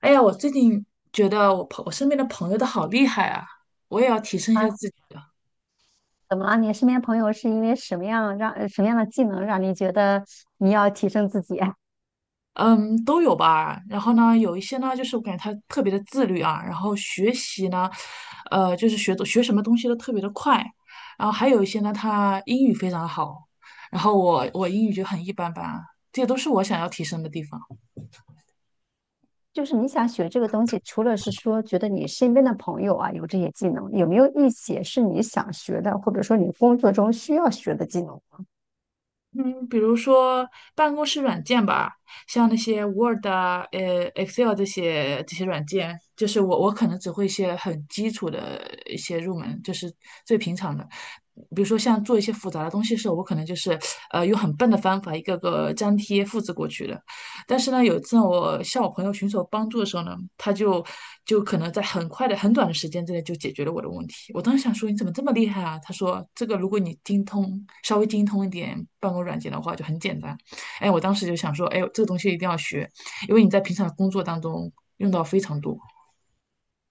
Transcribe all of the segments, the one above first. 哎呀，我最近觉得我身边的朋友都好厉害啊，我也要提升一下啊，自己的。怎么了？你身边朋友是因为什么样的技能让你觉得你要提升自己？嗯，都有吧。然后呢，有一些呢，就是我感觉他特别的自律啊，然后学习呢，就是学什么东西都特别的快。然后还有一些呢，他英语非常好，然后我英语就很一般般啊，这些都是我想要提升的地方。就是你想学这个东西，除了是说觉得你身边的朋友啊有这些技能，有没有一些是你想学的，或者说你工作中需要学的技能？嗯，比如说办公室软件吧，像那些 Word 啊、Excel 这些软件，就是我可能只会一些很基础的一些入门，就是最平常的。比如说像做一些复杂的东西的时候，我可能就是用很笨的方法一个个粘贴复制过去的。但是呢，有一次我向我朋友寻求帮助的时候呢，他可能在很快的、很短的时间之内就解决了我的问题。我当时想说，你怎么这么厉害啊？他说，这个如果你稍微精通一点办公软件的话，就很简单。哎，我当时就想说，哎，这个东西一定要学，因为你在平常工作当中用到非常多。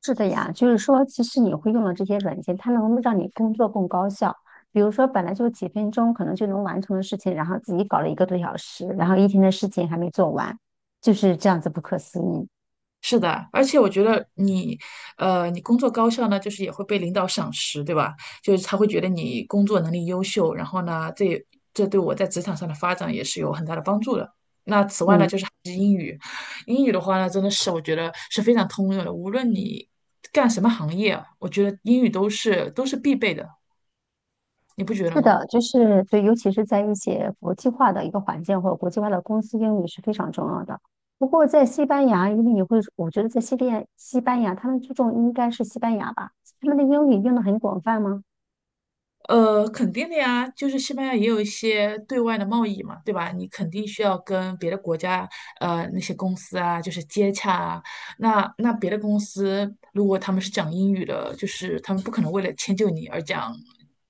是的呀，就是说，其实你会用了这些软件，它能让你工作更高效。比如说，本来就几分钟可能就能完成的事情，然后自己搞了一个多小时，然后一天的事情还没做完，就是这样子不可思议。是的，而且我觉得你，你工作高效呢，就是也会被领导赏识，对吧？就是他会觉得你工作能力优秀，然后呢，这对我在职场上的发展也是有很大的帮助的。那此外呢，嗯。就是还是英语，英语的话呢，真的是我觉得是非常通用的，无论你干什么行业啊我觉得英语都是必备的，你不觉得是吗？的，就是对，尤其是在一些国际化的一个环境或者国际化的公司，英语是非常重要的。不过在西班牙，因为你会，我觉得在西班牙，他们注重应该是西班牙吧，他们的英语用的很广泛吗？呃，肯定的呀，就是西班牙也有一些对外的贸易嘛，对吧？你肯定需要跟别的国家，呃，那些公司啊，就是接洽啊。那别的公司如果他们是讲英语的，就是他们不可能为了迁就你而讲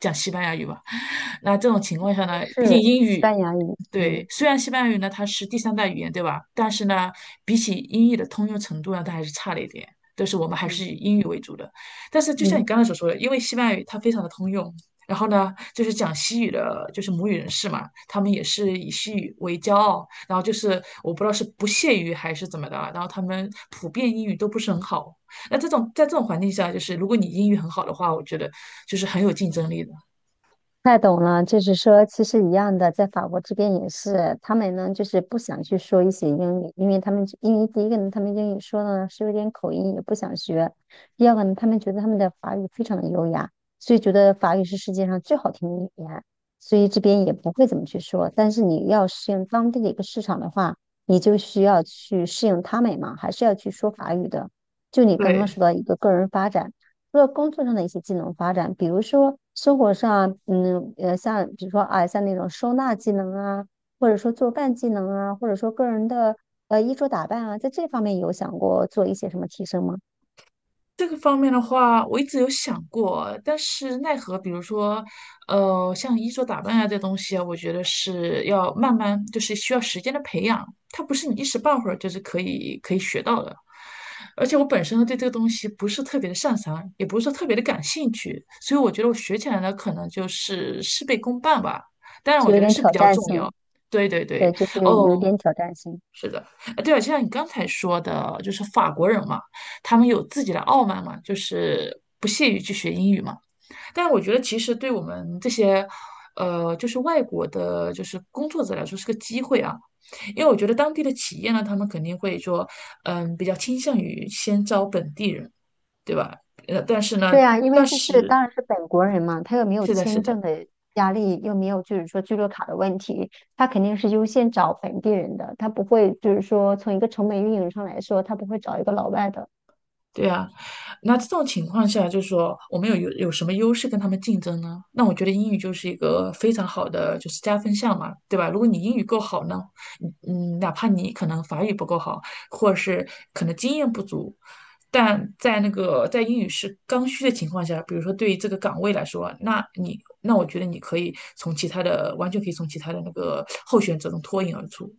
讲西班牙语吧？那这种情况下也呢，毕竟是英西语。班牙语，对，嗯虽然西班牙语呢它是第三代语言，对吧？但是呢，比起英语的通用程度呢，它还是差了一点。但是我们还是嗯以英语为主的。但是就像你嗯。刚才所说的，因为西班牙语它非常的通用，然后呢，就是讲西语的，就是母语人士嘛，他们也是以西语为骄傲，然后就是我不知道是不屑于还是怎么的啊，然后他们普遍英语都不是很好。那这种在这种环境下，就是如果你英语很好的话，我觉得就是很有竞争力的。太懂了，就是说，其实一样的，在法国这边也是，他们呢就是不想去说一些英语，因为他们因为第一个呢，他们英语说的呢是有点口音，也不想学；第二个呢，他们觉得他们的法语非常的优雅，所以觉得法语是世界上最好听的语言，所以这边也不会怎么去说。但是你要适应当地的一个市场的话，你就需要去适应他们嘛，还是要去说法语的。就你刚刚对。说到一个个人发展。除了工作上的一些技能发展，比如说生活上，嗯，像比如说啊，像那种收纳技能啊，或者说做饭技能啊，或者说个人的衣着打扮啊，在这方面有想过做一些什么提升吗？这个方面的话，我一直有想过，但是奈何，比如说，呃，像衣着打扮啊这东西啊，我觉得是要慢慢，就是需要时间的培养，它不是你一时半会儿就是可以学到的。而且我本身呢对这个东西不是特别的擅长，也不是说特别的感兴趣，所以我觉得我学起来呢，可能就是事倍功半吧。当然，是我觉有得点是比挑较战重要。性，对对对，对，就是有哦，点挑战性。是的，呃，对了，就像你刚才说的，就是法国人嘛，他们有自己的傲慢嘛，就是不屑于去学英语嘛。但是我觉得，其实对我们这些，呃，就是外国的，就是工作者来说是个机会啊。因为我觉得当地的企业呢，他们肯定会说，嗯，比较倾向于先招本地人，对吧？呃，但是呢，对啊，因但为就是是当然是本国人嘛，他又没有是的，是签的。证的压力，又没有就是说居留卡的问题，他肯定是优先找本地人的，他不会就是说从一个成本运营上来说，他不会找一个老外的。对啊，那这种情况下，就是说我们有什么优势跟他们竞争呢？那我觉得英语就是一个非常好的就是加分项嘛，对吧？如果你英语够好呢，嗯，哪怕你可能法语不够好，或者是可能经验不足，但在那个在英语是刚需的情况下，比如说对于这个岗位来说啊，那我觉得你可以从其他的完全可以从其他的那个候选者中脱颖而出。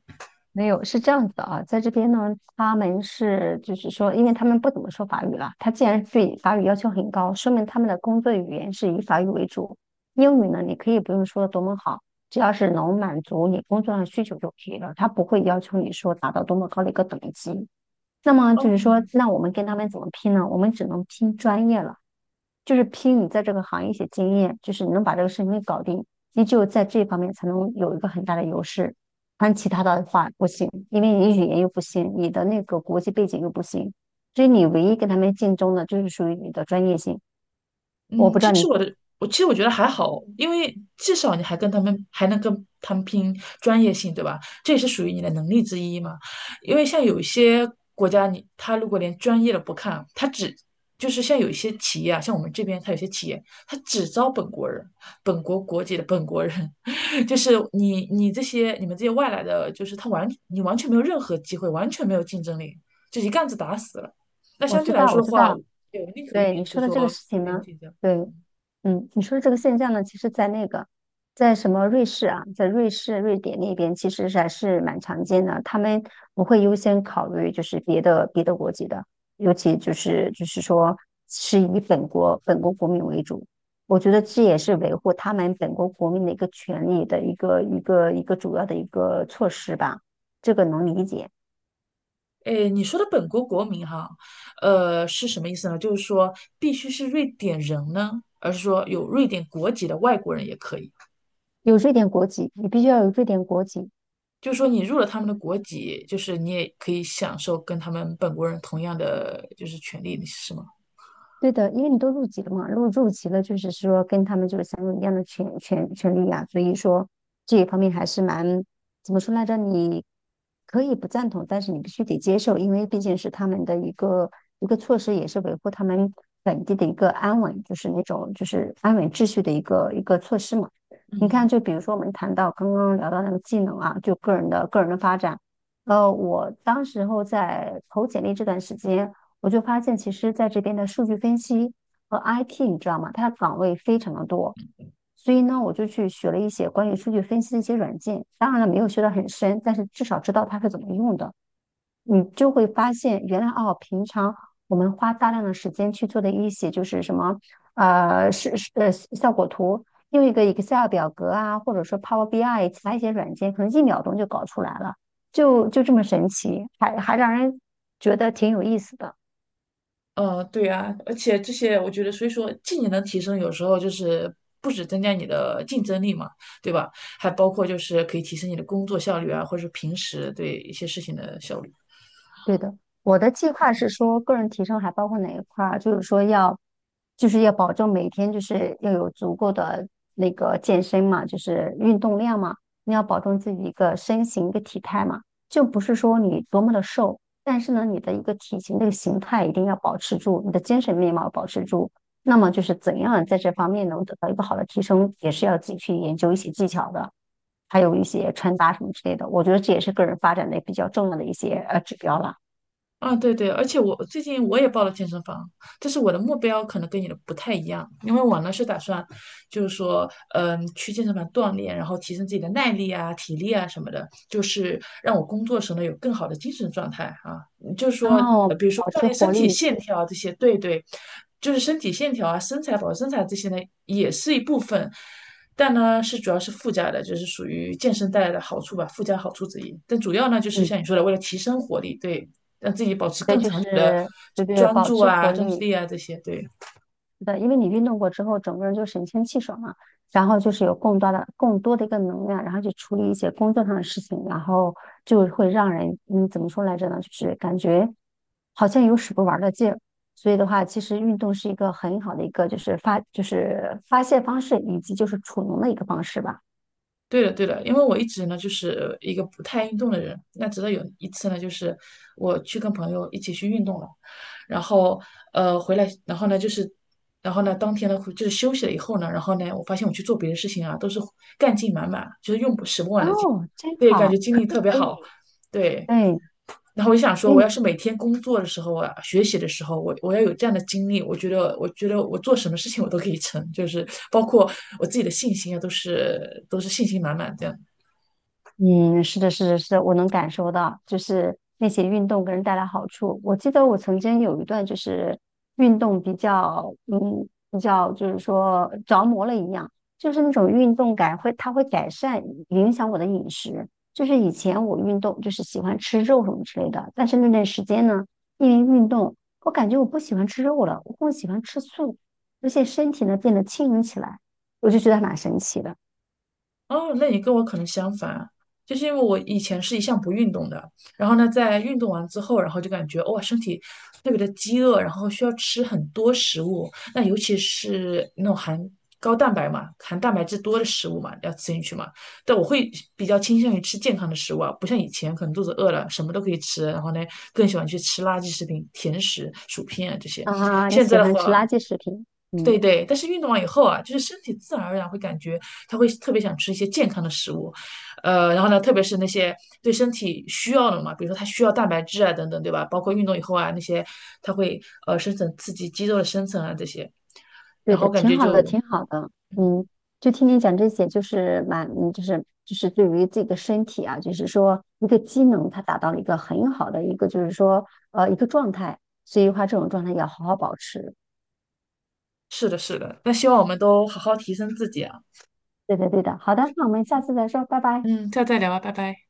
没有，是这样子的啊，在这边呢，他们是就是说，因为他们不怎么说法语了，他既然对法语要求很高，说明他们的工作语言是以法语为主。英语呢，你可以不用说的多么好，只要是能满足你工作上需求就可以了，他不会要求你说达到多么高的一个等级。那么哦，就是说，那我们跟他们怎么拼呢？我们只能拼专业了，就是拼你在这个行业一些经验，就是你能把这个事情给搞定，你只有在这方面才能有一个很大的优势。但其他的话不行，因为你语言又不行，你的那个国际背景又不行，所以你唯一跟他们竞争的就是属于你的专业性。我嗯，不其知道你，实。我觉得还好，因为至少你还能跟他们拼专业性，对吧？这也是属于你的能力之一嘛。因为像有一些国家你，他如果连专业的不看，就是像有一些企业啊，像我们这边，他有些企业他只招本国人、本国国籍的本国人，就是你们这些外来的，就是你完全没有任何机会，完全没有竞争力，就一竿子打死了。那我相知对来道，我说的知话，道。对我宁可愿对意你就说的说这个事这情边呢，竞争。对，嗯，你说的这个现象呢，其实在那个，在什么瑞士啊，在瑞士、瑞典那边，其实是还是蛮常见的。他们不会优先考虑就是别的国籍的，尤其就是说是以本国国民为主。我觉得这也是维护他们本国国民的一个权利的一个主要的一个措施吧，这个能理解。诶，你说的本国国民哈，呃，是什么意思呢？就是说必须是瑞典人呢，而是说有瑞典国籍的外国人也可以。有瑞典国籍，你必须要有瑞典国籍，就是说你入了他们的国籍，就是你也可以享受跟他们本国人同样的就是权利，是吗？对的，因为你都入籍了嘛，入籍了，就是说跟他们就是享有一样的权利啊，所以说这一方面还是蛮怎么说来着？你可以不赞同，但是你必须得接受，因为毕竟是他们的一个措施，也是维护他们本地的一个安稳，就是那种就是安稳秩序的一个措施嘛。你看，嗯，就比如说我们谈到刚刚聊到那个技能啊，就个人的发展。我当时候在投简历这段时间，我就发现其实在这边的数据分析和 IT,你知道吗？它的岗位非常的多，所以呢，我就去学了一些关于数据分析的一些软件。当然了，没有学得很深，但是至少知道它是怎么用的。你就会发现，原来哦，平常我们花大量的时间去做的一些就是什么效果图，用一个 Excel 表格啊，或者说 Power BI 其他一些软件，可能一秒钟就搞出来了，就这么神奇，还让人觉得挺有意思的。呃，对啊，而且这些我觉得，所以说技能的提升有时候就是不止增加你的竞争力嘛，对吧？还包括就是可以提升你的工作效率啊，或者是平时对一些事情的效率。对的，我的计划是说，个人提升还包括哪一块儿？就是说要，就是要保证每天就是要有足够的那个健身嘛，就是运动量嘛，你要保证自己一个身形一个体态嘛，就不是说你多么的瘦，但是呢，你的一个体型这个形态一定要保持住，你的精神面貌保持住。那么就是怎样在这方面能得到一个好的提升，也是要自己去研究一些技巧的，还有一些穿搭什么之类的。我觉得这也是个人发展的比较重要的一些指标了。啊，对对，而且我最近也报了健身房，但是我的目标可能跟你的不太一样，因为我呢是打算，就是说，嗯，去健身房锻炼，然后提升自己的耐力啊、体力啊什么的，就是让我工作时呢有更好的精神状态啊，就是说，呃，哦，比如说保锻持炼身活体力，线条啊这些，对对，就是身体线条啊、身材保持身材这些呢也是一部分，但呢是主要是附加的，就是属于健身带来的好处吧，附加好处之一。但主要呢就是嗯，像你说的，为了提升活力，对。让自己保持对，更就长久的是对对，专保注持啊、活专注力，力啊这些。对，是的，因为你运动过之后，整个人就神清气爽了。然后就是有更多的一个能量，然后去处理一些工作上的事情，然后就会让人，嗯，怎么说来着呢？就是感觉好像有使不完的劲儿。所以的话，其实运动是一个很好的一个，就是发泄方式，以及就是储能的一个方式吧。对的，对的，因为我一直呢就是一个不太运动的人，那直到有一次呢，就是我去跟朋友一起去运动了，然后回来，然后呢就是。然后呢，当天呢就是休息了以后呢，然后呢，我发现我去做别的事情啊，都是干劲满满，就是用不使不完的劲，哦，真对，感觉好，精可力以特别可好，以，对。对。然后我就想说，我你。要是每天工作的时候啊，学习的时候，我要有这样的精力，我觉得，我觉得我做什么事情我都可以成，就是包括我自己的信心啊，都是信心满满这样。嗯，是的,是的,是的我能感受到，就是那些运动给人带来好处。我记得我曾经有一段就是运动比较，嗯，比较就是说着魔了一样，就是那种运动感会，它会改善影响我的饮食。就是以前我运动就是喜欢吃肉什么之类的，但是那段时间呢，因为运动，我感觉我不喜欢吃肉了，我更喜欢吃素，而且身体呢变得轻盈起来，我就觉得还蛮神奇的哦，那你跟我可能相反，就是因为我以前是一向不运动的，然后呢，在运动完之后，然后就感觉哇，身体特别的饥饿，然后需要吃很多食物，那尤其是那种含高蛋白嘛、含蛋白质多的食物嘛，要吃进去嘛。但我会比较倾向于吃健康的食物啊，不像以前可能肚子饿了什么都可以吃，然后呢，更喜欢去吃垃圾食品、甜食、薯片啊这些。啊！你现喜在的欢吃话，垃圾食品，对嗯。对，但是运动完以后啊，就是身体自然而然会感觉他会特别想吃一些健康的食物，呃，然后呢，特别是那些对身体需要的嘛，比如说他需要蛋白质啊等等，对吧？包括运动以后啊，那些他会生成刺激肌肉的生成啊这些，对然后的，感挺觉好的，就挺好的。嗯，就听你讲这些，就是蛮，就是对于自己的身体啊，就是说一个机能，它达到了一个很好的一个，就是说一个状态。所以的话，这种状态要好好保持。是的，是的。那希望我们都好好提升自己啊，对的，对的。好的，那我们下次再说，拜拜。嗯，下次再聊吧，拜拜。